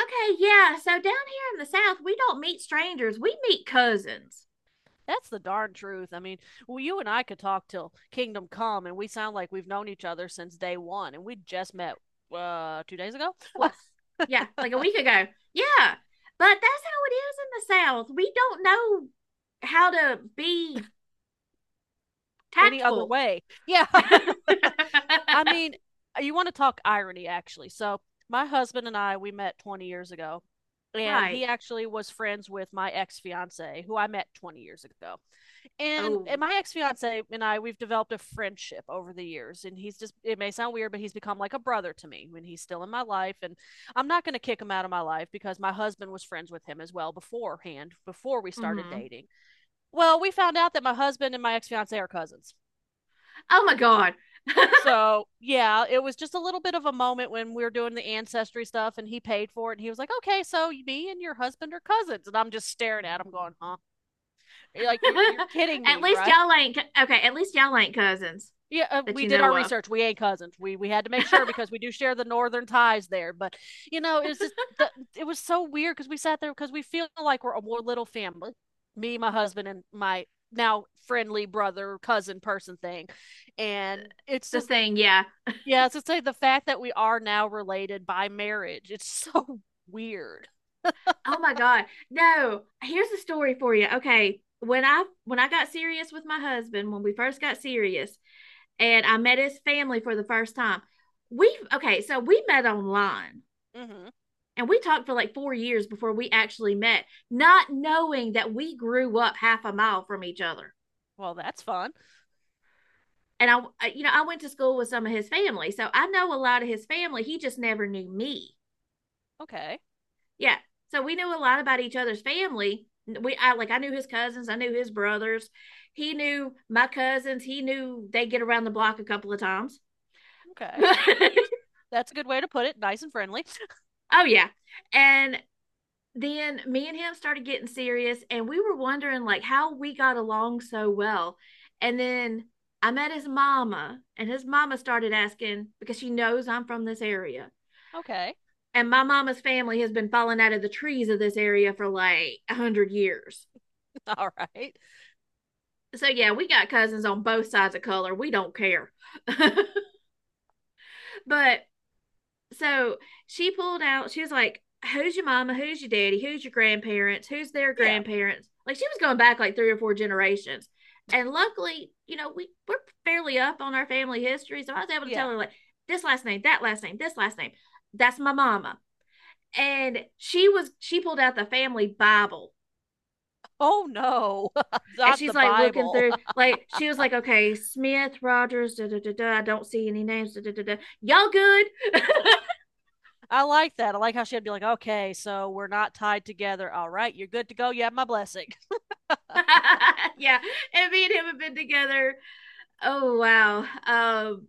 Okay, yeah. So down here in the South, we don't meet strangers. We meet cousins. That's the darn truth. I mean, well, you and I could talk till kingdom come, and we sound like we've known each other since day one, and we just met 2 days ago. What? Yeah, like a week ago. Yeah. But that's how it is in the South. We don't know how to be Any other tactful. way? Yeah. I mean, you want to talk irony, actually. So my husband and I we met 20 years ago, and he Right. actually was friends with my ex fiance, who I met 20 years ago. And Oh. my ex fiance and I we've developed a friendship over the years, and he's just it may sound weird, but he's become like a brother to me when he's still in my life, and I'm not going to kick him out of my life because my husband was friends with him as well beforehand before we started Hmm. dating. Well, we found out that my husband and my ex fiance are cousins. Oh my God. So yeah, it was just a little bit of a moment when we were doing the ancestry stuff, and he paid for it, and he was like, "Okay, so me and your husband are cousins," and I'm just staring at him, going, "Huh?" You're like, "You're kidding At me, least right?" y'all ain't. Okay. At least y'all ain't cousins Yeah, that we you did our know of. research. We ain't cousins. We had to make sure because we do share the northern ties there. But it's just the it was so weird because we sat there because we feel like we're a more little family. Me, my husband, and my now friendly brother cousin person thing, and it's The just thing, yeah. yeah, it's just like the fact that we are now related by marriage. It's so weird. Oh my God. No, here's a story for you. Okay. When I got serious with my husband, when we first got serious, and I met his family for the first time, we, okay, so we met online Hmm. and we talked for like 4 years before we actually met, not knowing that we grew up half a mile from each other. Well, that's fun. And I went to school with some of his family, so I know a lot of his family. He just never knew me. Okay, Yeah. So we knew a lot about each other's family. We I like I knew his cousins, I knew his brothers. He knew my cousins. He knew they get around the block a couple of times. okay, Oh, that's a good way to put it. Nice and friendly. yeah. And then me and him started getting serious and we were wondering like how we got along so well. And then I met his mama and his mama started asking because she knows I'm from this area. Okay, And my mama's family has been falling out of the trees of this area for like 100 years. all right. So yeah, we got cousins on both sides of color. We don't care. But so she pulled out, she was like, "Who's your mama? Who's your daddy? Who's your grandparents? Who's their Yeah, grandparents?" Like she was going back like three or four generations. And luckily, we're fairly up on our family history. So I was able to yeah. tell her like this last name, that last name, this last name. That's my mama. And she pulled out the family Bible. Oh no, And not she's the like looking Bible. through, like she was like, "Okay, Smith, Rogers, da da da da. I don't see any names. Da, da, da, da. Y'all good?" I like that. I like how she had to be like, okay, so we're not tied together. All right, you're good to go. You have my blessing. Yeah. And me and him have been together. Oh wow.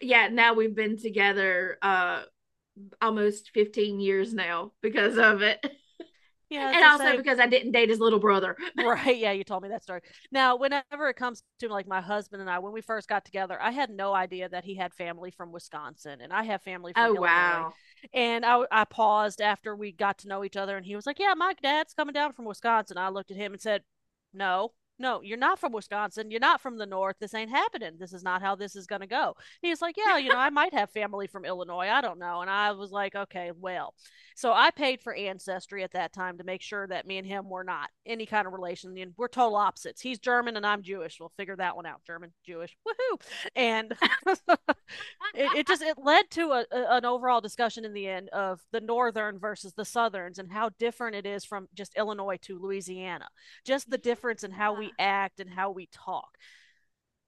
Yeah, now we've been together almost 15 years now because of it. Yeah, as And I also say, because I didn't date his little brother. right. Yeah, you told me that story. Now, whenever it comes to like my husband and I, when we first got together, I had no idea that he had family from Wisconsin and I have family from Oh Illinois. wow. And I paused after we got to know each other and he was like, yeah, my dad's coming down from Wisconsin. I looked at him and said, no, no, you're not from Wisconsin. You're not from the North. This ain't happening. This is not how this is going to go. He's like, yeah, I might have family from Illinois. I don't know. And I was like, okay, well. So I paid for ancestry at that time to make sure that me and him were not any kind of relation. And we're total opposites. He's German and I'm Jewish. We'll figure that one out. German, Jewish, woohoo! And it, it just it led to an overall discussion in the end of the northern versus the southerns and how different it is from just Illinois to Louisiana. Just the difference in how we Yeah. act and how we talk.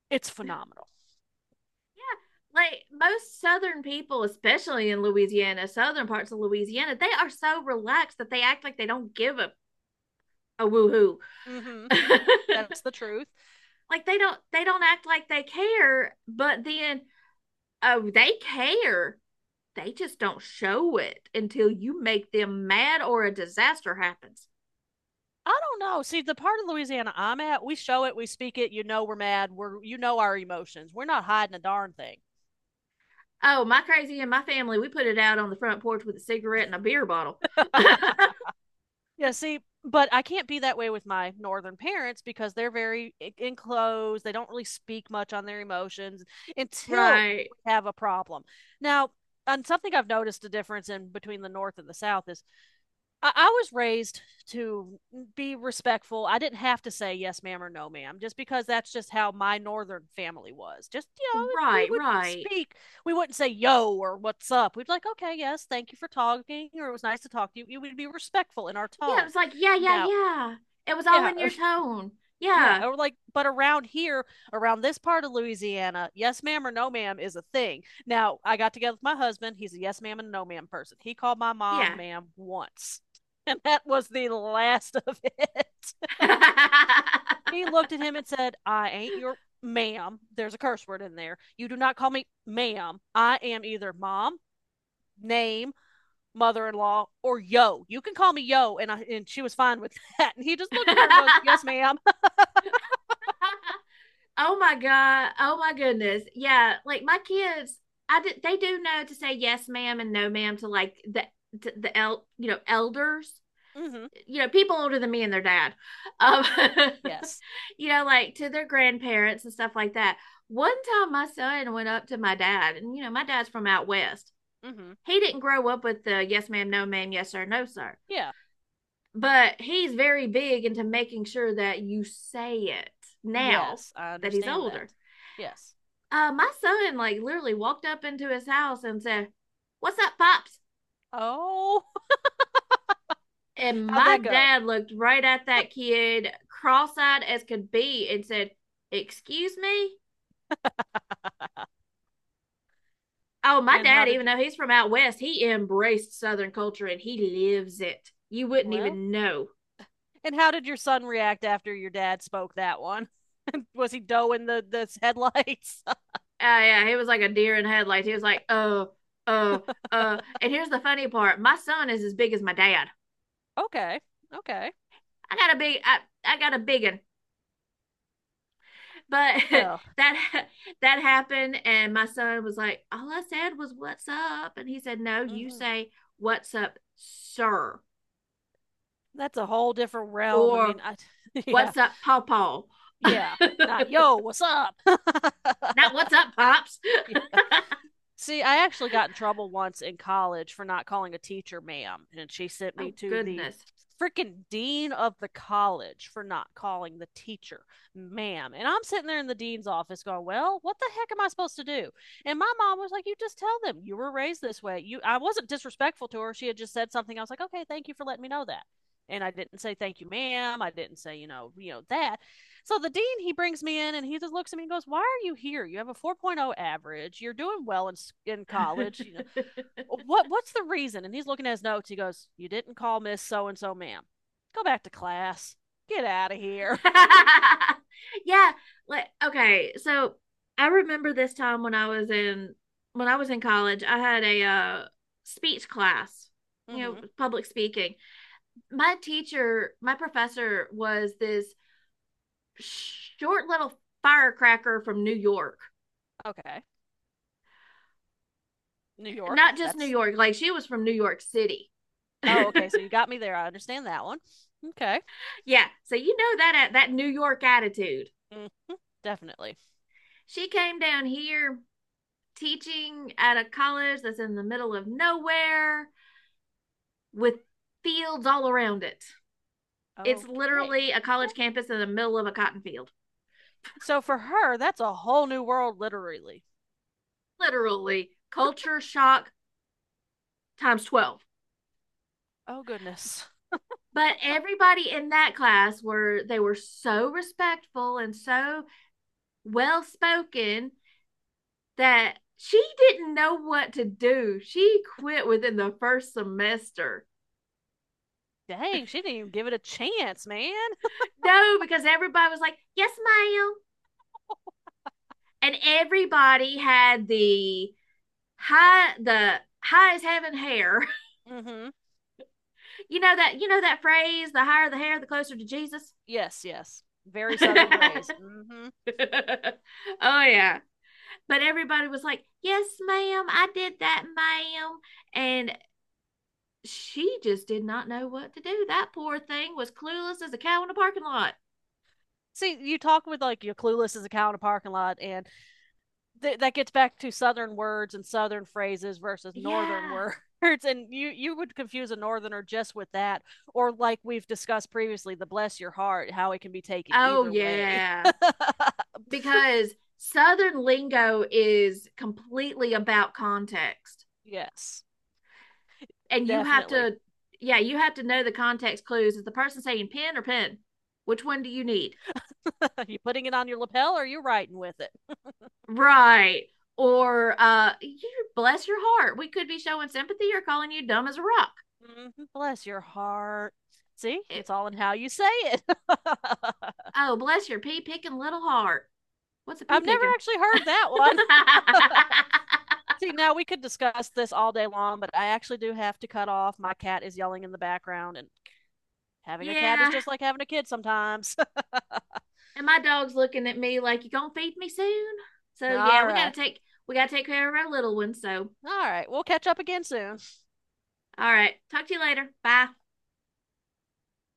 It's phenomenal. Yeah, like most Southern people, especially in Louisiana, southern parts of Louisiana, they are so relaxed that they act like they don't give a woohoo. Hmm, hmm. That's the truth. Like they don't act like they care, but then, oh, they care. They just don't show it until you make them mad or a disaster happens. I don't know. See, the part of Louisiana I'm at, we show it, we speak it, you know we're mad, we're you know our emotions. We're not hiding a darn thing. Oh, my crazy, and my family, we put it out on the front porch with a cigarette and a beer bottle. Yeah, see, but I can't be that way with my northern parents because they're very enclosed. They don't really speak much on their emotions until Right, we have a problem. Now, and something I've noticed a difference in between the north and the south is I was raised to be respectful. I didn't have to say yes, ma'am, or no, ma'am, just because that's just how my northern family was. Just, we right, would right. speak. We wouldn't say yo or what's up. We'd like, okay, yes, thank you for talking, or it was nice to talk to you. We would be respectful in our Yeah, it tone. was like, yeah, yeah, Now, yeah. It was all yeah, in your tone. Yeah, yeah, or like, but around here, around this part of Louisiana, yes ma'am or no ma'am is a thing. Now, I got together with my husband. He's a yes ma'am and no ma'am person. He called my mom yeah. ma'am once, and that was the last of it. He looked at him and said, I ain't your ma'am. There's a curse word in there. You do not call me ma'am. I am either mom, name, mother in law, or yo. You can call me yo. And she was fine with that. And he just looked at her and goes, yes, ma'am. Oh my God. Oh my goodness. Yeah, like my kids, I did, they do know to say yes, ma'am, and no, ma'am to like the to the el you know elders, Mm hmm. People older than me and their dad, um, Yes. Like to their grandparents and stuff like that. One time, my son went up to my dad, and you know my dad's from out west, Mm hmm. he didn't grow up with the yes ma'am, no ma'am, yes sir, no sir. Yeah. But he's very big into making sure that you say it now Yes, I that he's understand older. that. Yes. My son like literally walked up into his house and said, "What's up, pops?" Oh, And how'd my that go? dad looked right at that kid, cross-eyed as could be, and said, "Excuse me." Oh, my And dad, even though he's from out west, he embraced Southern culture and he lives it. You wouldn't well, even know. and how did your son react after your dad spoke that one? Was he doing the headlights? Oh yeah, he was like a deer in headlights. He was like, oh, oh, oh. And here's the funny part: my son is as big as my dad. Okay. Okay. I got a big, I, I got a big one. But Well, that that happened, and my son was like, all I said was "What's up," and he said, no, you mhm. say "What's up, sir," That's a whole different realm. I mean, or I yeah. "What's up, pawpaw." Yeah. Not Not yo, what's up? Yeah. "What's up, pops." See, I actually got in trouble once in college for not calling a teacher ma'am, and she sent me Oh to the goodness. freaking dean of the college for not calling the teacher ma'am. And I'm sitting there in the dean's office going, "Well, what the heck am I supposed to do?" And my mom was like, "You just tell them you were raised this way." You I wasn't disrespectful to her. She had just said something. I was like, "Okay, thank you for letting me know that." And I didn't say thank you, ma'am. I didn't say, you know that. So the dean, he brings me in and he just looks at me and goes, why are you here? You have a 4.0 average. You're doing well in college. Oh, what's the reason? And he's looking at his notes. He goes, you didn't call Miss So and so, ma'am. Go back to class. Get out of here. Yeah, like okay, so I remember this time when I was in college, I had a speech class, Hmm. public speaking. My teacher, my professor was this short little firecracker from New York. Okay. New York. Not just New York, like she was from New York City. Yeah, Oh, okay. So you got me there. I understand that one. Okay. so you know that New York attitude. Mm, definitely. She came down here teaching at a college that's in the middle of nowhere, with fields all around it. It's Okay. literally a Yeah. college campus in the middle of a cotton field. So for her, that's a whole new world, literally. Literally, culture shock times 12. Oh, goodness. But everybody in that class were so respectful and so well spoken that she didn't know what to do. She quit within the first semester. Dang, she didn't even give it a chance, man. No, because everybody was like, "Yes, ma'am." And everybody had the high as heaven hair. Mm hmm. You know that phrase, the higher the hair, the closer to Jesus. Yes, yes. Very Oh, southern phrase. Mm-hmm. yeah. But everybody was like, "Yes, ma'am, I did that, ma'am." And she just did not know what to do. That poor thing was clueless as a cow in a parking lot. See, you talk with like your clueless as a cow in a parking lot, and that gets back to southern words and southern phrases versus northern Yeah. words. And you would confuse a northerner just with that, or like we've discussed previously, the bless your heart, how it can be taken Oh either way. yeah. Because Southern lingo is completely about context. Yes, And you have definitely. to, yeah, you have to know the context clues. Is the person saying pen or pen? Which one do you need? Are you putting it on your lapel, or are you writing with it? Right. Or you bless your heart. We could be showing sympathy or calling you dumb as a rock. Mm-hmm. Bless your heart. See, It. it's all in how you say it. I've Oh, bless your pea picking little heart. What's a pea never picking? actually heard that one. See, now we could discuss this all day long, but I actually do have to cut off. My cat is yelling in the background, and having a cat is Yeah. just like having a kid sometimes. And my dog's looking at me like you gonna feed me soon. So yeah, All we gotta right. take care of our little ones. So All right. We'll catch up again soon. all right. Talk to you later. Bye.